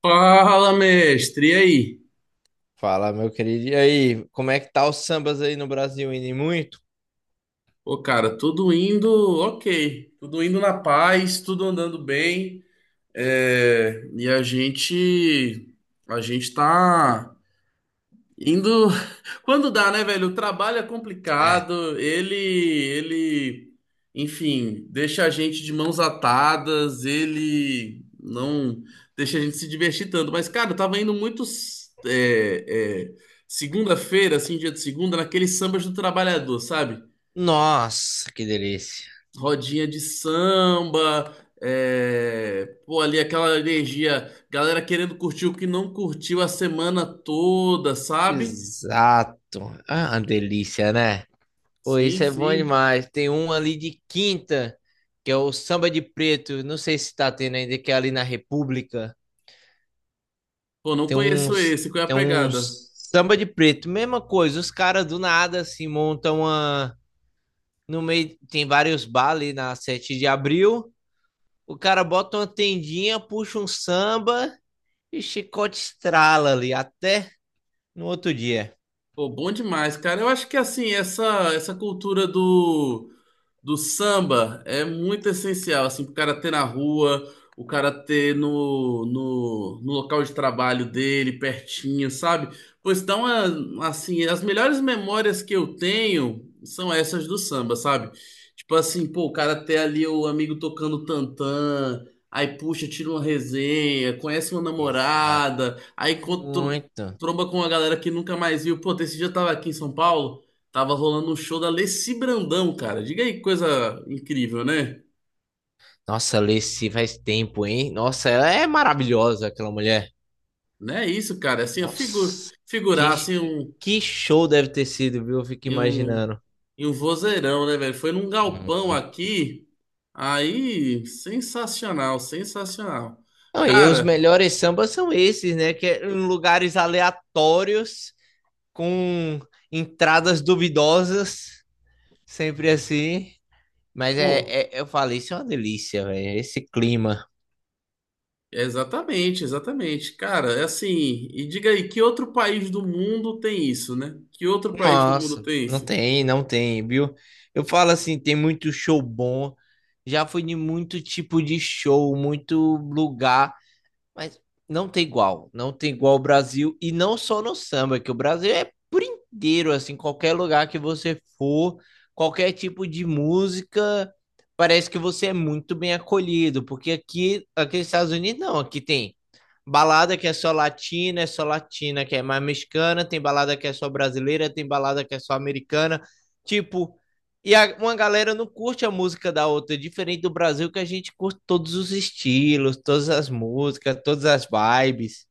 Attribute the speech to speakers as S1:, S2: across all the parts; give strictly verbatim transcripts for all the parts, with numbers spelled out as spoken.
S1: Fala, mestre, e aí?
S2: Fala, meu querido. E aí, como é que tá os sambas aí no Brasil? Indo em muito?
S1: Pô, cara, tudo indo ok, tudo indo na paz, tudo andando bem, é, e a gente, a gente tá indo quando dá, né, velho? O trabalho é
S2: É.
S1: complicado. Ele, ele, enfim, deixa a gente de mãos atadas. Ele não deixa a gente se divertir tanto. Mas, cara, eu tava indo muito é, é, segunda-feira, assim, dia de segunda, naqueles sambas do trabalhador, sabe?
S2: Nossa, que delícia.
S1: Rodinha de samba, é, pô, ali aquela energia, galera querendo curtir o que não curtiu a semana toda, sabe?
S2: Exato. Ah, uma delícia, né? Pô,
S1: Sim,
S2: isso é bom
S1: sim.
S2: demais. Tem um ali de quinta, que é o Samba de Preto. Não sei se tá tendo ainda, que é ali na República.
S1: Pô, não
S2: Tem
S1: conheço
S2: uns,
S1: esse, qual é a
S2: tem
S1: pegada?
S2: uns samba de preto. Mesma coisa, os caras do nada se montam uma. No meio, tem vários bares na Sete de abril. O cara bota uma tendinha, puxa um samba e chicote estrala ali até no outro dia.
S1: Pô, bom demais, cara. Eu acho que assim, essa essa cultura do do samba é muito essencial, assim, pro cara ter na rua, o cara ter no, no, no local de trabalho dele, pertinho, sabe? Pois então, a- assim, as melhores memórias que eu tenho são essas do samba, sabe? Tipo assim, pô, o cara ter ali o amigo tocando tantã, aí puxa, tira uma resenha, conhece uma
S2: Exato.
S1: namorada, aí encontra,
S2: Muito.
S1: tromba com uma galera que nunca mais viu. Pô, esse dia eu tava aqui em São Paulo. Tava rolando um show da Leci Brandão, cara. Diga aí que coisa incrível, né?
S2: Nossa, Lacey faz tempo, hein? Nossa, ela é maravilhosa, aquela mulher.
S1: Não é isso, cara. É assim, ó, figu
S2: Nossa,
S1: figurar
S2: que,
S1: assim
S2: que,
S1: um,
S2: que show deve ter sido, viu? Eu fico
S1: em um,
S2: imaginando.
S1: em um vozeirão, né, velho? Foi num galpão
S2: Muito.
S1: aqui. Aí, sensacional, sensacional.
S2: Não, e os
S1: Cara,
S2: melhores sambas são esses, né? Que é em lugares aleatórios, com entradas duvidosas, sempre assim. Mas é,
S1: pô,
S2: é- eu falei, isso é uma delícia, velho. Esse clima.
S1: exatamente, exatamente. Cara, é assim. E diga aí, que outro país do mundo tem isso, né? Que outro país do mundo
S2: Nossa,
S1: tem
S2: não
S1: isso?
S2: tem, não tem, viu? Eu falo assim, tem muito show bom. Já fui de muito tipo de show, muito lugar. Mas não tem igual. Não tem igual o Brasil. E não só no samba, que o Brasil é por inteiro, assim, qualquer lugar que você for, qualquer tipo de música, parece que você é muito bem acolhido. Porque aqui, aqui nos Estados Unidos, não. Aqui tem balada que é só latina, é só latina que é mais mexicana, tem balada que é só brasileira, tem balada que é só americana. Tipo, e a- uma galera não curte a música da outra, é diferente do Brasil, que a gente curte todos os estilos, todas as músicas, todas as vibes,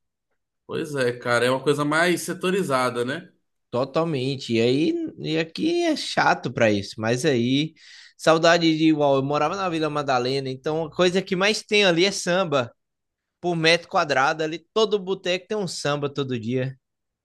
S1: Pois é, cara, é uma coisa mais setorizada, né?
S2: totalmente. E aí, e aqui é chato pra isso, mas aí, saudade de igual. Eu morava na Vila Madalena, então a coisa que mais tem ali é samba. Por metro quadrado, ali todo boteco tem um samba todo dia.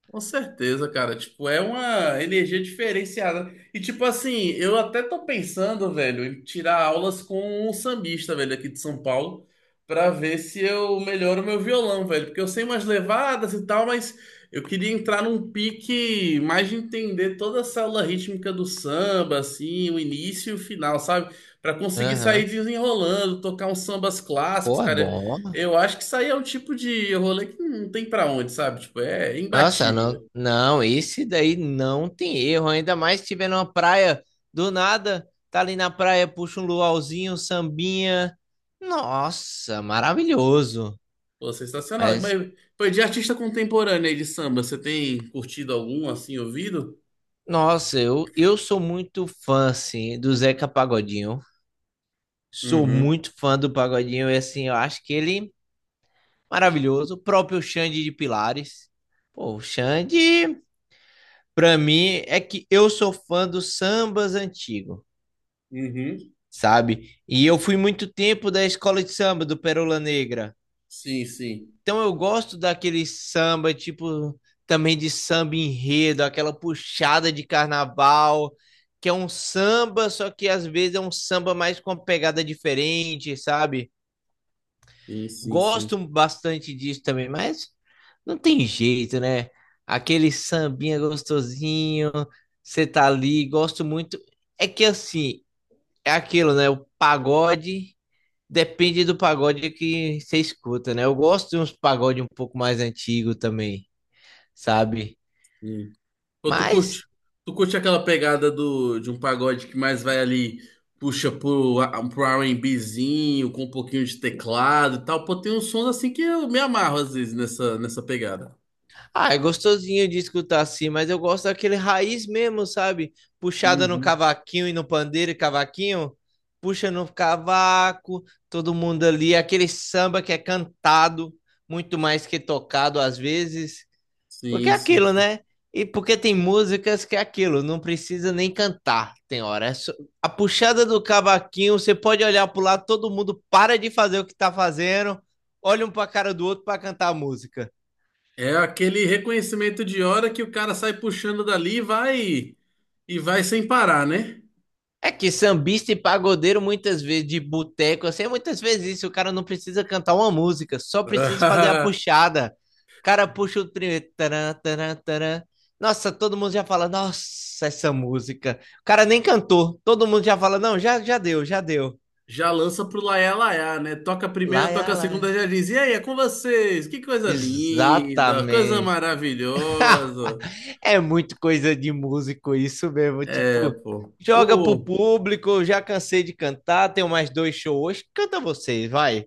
S1: Com certeza, cara. Tipo, é uma energia diferenciada. E, tipo assim, eu até tô pensando, velho, em tirar aulas com um sambista, velho, aqui de São Paulo, pra ver se eu melhoro meu violão, velho. Porque eu sei umas levadas e tal, mas eu queria entrar num pique mais de entender toda a célula rítmica do samba, assim, o início e o final, sabe? Pra conseguir sair
S2: Aham.
S1: desenrolando, tocar uns sambas clássicos,
S2: Pô, é
S1: cara.
S2: bom.
S1: Eu acho que isso aí é um tipo de rolê que não tem pra onde, sabe? Tipo, é
S2: Nossa,
S1: imbatível,
S2: não,
S1: velho.
S2: não, esse daí não tem erro, ainda mais se tiver numa praia do nada, tá ali na praia, puxa um luauzinho, um sambinha. Nossa, maravilhoso.
S1: Pô, sensacional.
S2: Mas,
S1: Mas, pô, de artista contemporâneo aí de samba, você tem curtido algum, assim, ouvido?
S2: nossa, eu, eu sou muito fã, assim, do Zeca Pagodinho. Sou
S1: Uhum,
S2: muito fã do Pagodinho e, assim, eu acho que ele é maravilhoso. O próprio Xande de Pilares. Pô, o Xande, pra mim, é que eu sou fã dos sambas antigos,
S1: uhum.
S2: sabe? E eu fui muito tempo da escola de samba do Pérola Negra.
S1: Sim, sim.
S2: Então eu gosto daquele samba, tipo, também de samba enredo, aquela puxada de carnaval, que é um samba, só que às vezes é um samba mais com uma pegada diferente, sabe?
S1: Sim, sim, sim.
S2: Gosto bastante disso também, mas não tem jeito, né? Aquele sambinha gostosinho, você tá ali, gosto muito. É que assim, é aquilo, né? O pagode depende do pagode que você escuta, né? Eu gosto de uns pagode um pouco mais antigo também, sabe?
S1: Sim. Pô, tu curte?
S2: Mas,
S1: Tu curte aquela pegada do, de um pagode que mais vai ali, puxa pro, a- pro R B zinho, com um pouquinho de teclado e tal. Pô, tem uns sons assim que eu me amarro às vezes nessa, nessa pegada.
S2: ah, é gostosinho de escutar assim, mas eu gosto daquele raiz mesmo, sabe? Puxada no
S1: Uhum.
S2: cavaquinho e no pandeiro e cavaquinho, puxa no cavaco, todo mundo ali, aquele samba que é cantado, muito mais que tocado às vezes. Porque
S1: Sim,
S2: é aquilo,
S1: sim.
S2: né? E porque tem músicas que é aquilo, não precisa nem cantar, tem hora. É só- A puxada do cavaquinho, você pode olhar pro lado, todo mundo para de fazer o que tá fazendo, olha um pra cara do outro pra cantar a música.
S1: É aquele reconhecimento de hora que o cara sai puxando dali e vai e vai sem parar, né?
S2: É que sambista e pagodeiro, muitas vezes, de boteco, assim, é muitas vezes isso. O cara não precisa cantar uma música, só precisa fazer a puxada. O cara puxa o primeiro. Taran, taran, taran. Nossa, todo mundo já fala, nossa, essa música. O cara nem cantou. Todo mundo já fala, não, já, já deu, já deu.
S1: Já lança pro laiá laiá, né? Toca a
S2: Lá,
S1: primeira, toca
S2: é,
S1: a
S2: lá, é.
S1: segunda, já diz: E aí, é com vocês? Que coisa linda, coisa
S2: Exatamente.
S1: maravilhosa.
S2: É muito coisa de músico isso mesmo.
S1: É,
S2: Tipo,
S1: pô.
S2: joga pro
S1: O,
S2: público, já cansei de cantar, tenho mais dois shows hoje. Canta vocês, vai.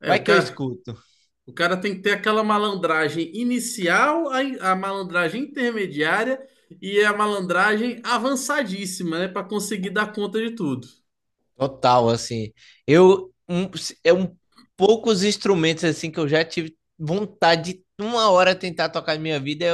S1: é,
S2: Vai
S1: o
S2: que eu
S1: cara,
S2: escuto.
S1: o cara tem que ter aquela malandragem inicial, a, in- a malandragem intermediária e a malandragem avançadíssima, né? Pra conseguir dar conta de tudo.
S2: Total, assim. Eu, um, é um poucos instrumentos, assim, que eu já tive vontade de uma hora tentar tocar na minha vida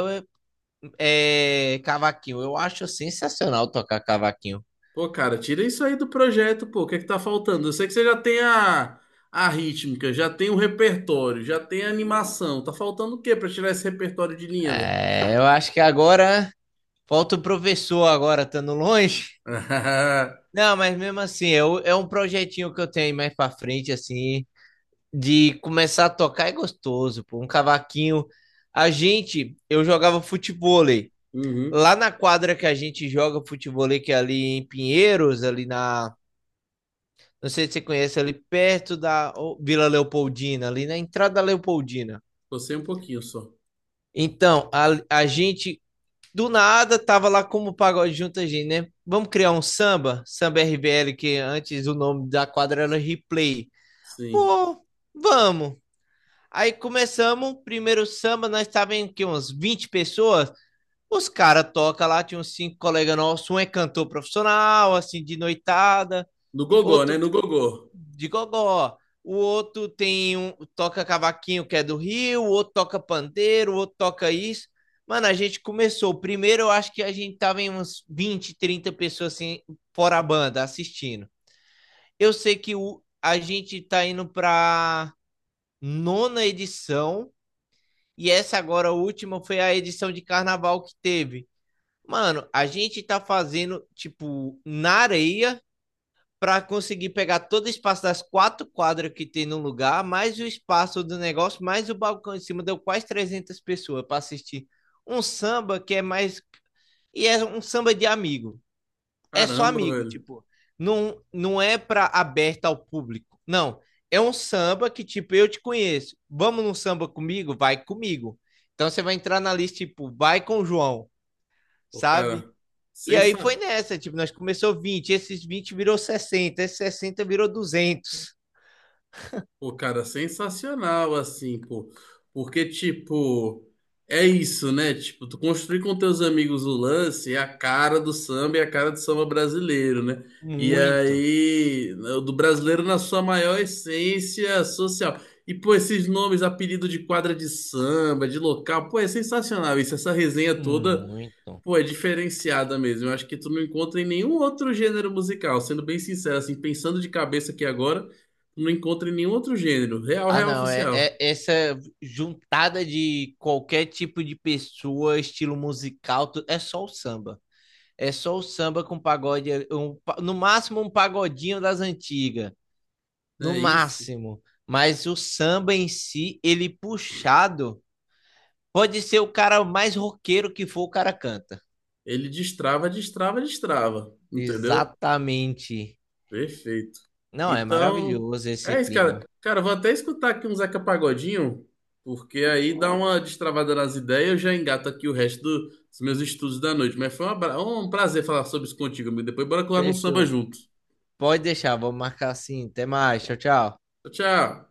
S2: é, é cavaquinho. Eu acho sensacional tocar cavaquinho.
S1: Pô, cara, tira isso aí do projeto, pô. O que é que tá faltando? Eu sei que você já tem a, a rítmica, já tem o repertório, já tem a animação. Tá faltando o quê pra tirar esse repertório de linha, velho?
S2: É, eu acho que agora falta o professor agora estando longe. Não, mas mesmo assim, eu, é um projetinho que eu tenho aí mais pra frente, assim, de começar a tocar é gostoso, pô, um cavaquinho. A gente, eu jogava futebol aí.
S1: Uhum.
S2: Lá na quadra que a gente joga futebol, que é ali em Pinheiros, ali na. Não sei se você conhece, ali perto da Vila Leopoldina, ali na entrada da Leopoldina.
S1: Gostei um pouquinho só.
S2: Então, a, a gente do nada tava lá como o pagode junto a gente, né? Vamos criar um samba, samba R B L, que antes o nome da quadra era Replay.
S1: Sim.
S2: Pô, vamos. Aí começamos, primeiro samba, nós estávamos em que, uns vinte pessoas. Os caras tocam lá, tinha uns cinco colegas nossos, um é cantor profissional, assim, de noitada,
S1: No gogó, né?
S2: outro
S1: No gogó.
S2: de gogó, o outro tem um, toca cavaquinho que é do Rio, o outro toca pandeiro, o outro toca isso. Mano, a gente começou. Primeiro, eu acho que a gente tava em uns vinte trinta pessoas assim, fora a banda, assistindo. Eu sei que o, a gente tá indo pra nona edição, e essa agora, a última, foi a edição de carnaval que teve. Mano, a gente tá fazendo, tipo, na areia para conseguir pegar todo o espaço das quatro quadras que tem no lugar, mais o espaço do negócio, mais o balcão em cima, deu quase trezentas pessoas para assistir um samba que é mais. E é um samba de amigo. É só
S1: Caramba,
S2: amigo,
S1: velho.
S2: tipo. Não, não é para aberta ao público. Não. É um samba que, tipo, eu te conheço. Vamos num samba comigo? Vai comigo. Então você vai entrar na lista, tipo, vai com o João,
S1: Pô,
S2: sabe?
S1: cara,
S2: E aí foi
S1: sensacional.
S2: nessa, tipo, nós começou vinte, esses vinte virou sessenta, esses sessenta virou duzentos.
S1: Pô, cara, sensacional, assim, pô. Porque, tipo, é isso, né? Tipo, tu construir com teus amigos o lance é a cara do samba e a cara do samba brasileiro, né? E
S2: Muito,
S1: aí, o do brasileiro na sua maior essência social. E, pô, esses nomes, apelido de quadra de samba, de local, pô, é sensacional isso. Essa resenha toda
S2: muito.
S1: pô, é diferenciada mesmo. Eu acho que tu não encontra em nenhum outro gênero musical. Sendo bem sincero, assim, pensando de cabeça aqui agora, tu não encontra em nenhum outro gênero. Real,
S2: Ah,
S1: real
S2: não, é,
S1: oficial.
S2: é essa juntada de qualquer tipo de pessoa, estilo musical, tu- é só o samba. É só o samba com pagode, um pa- no máximo um pagodinho das antigas, no
S1: É isso.
S2: máximo. Mas o samba em si, ele puxado, pode ser o cara mais roqueiro que for, o cara canta.
S1: Ele destrava, destrava, destrava. Entendeu?
S2: Exatamente.
S1: Perfeito.
S2: Não, é
S1: Então,
S2: maravilhoso esse
S1: é isso, cara.
S2: clima.
S1: Cara, eu vou até escutar aqui um Zeca Pagodinho, porque aí dá uma destravada nas ideias e eu já engato aqui o resto do- dos meus estudos da noite. Mas foi um abra- um prazer falar sobre isso contigo, amigo. Depois bora colar num samba
S2: Fechou.
S1: junto.
S2: Pode deixar, vou marcar assim. Até mais. Tchau, tchau.
S1: Tchau, tchau.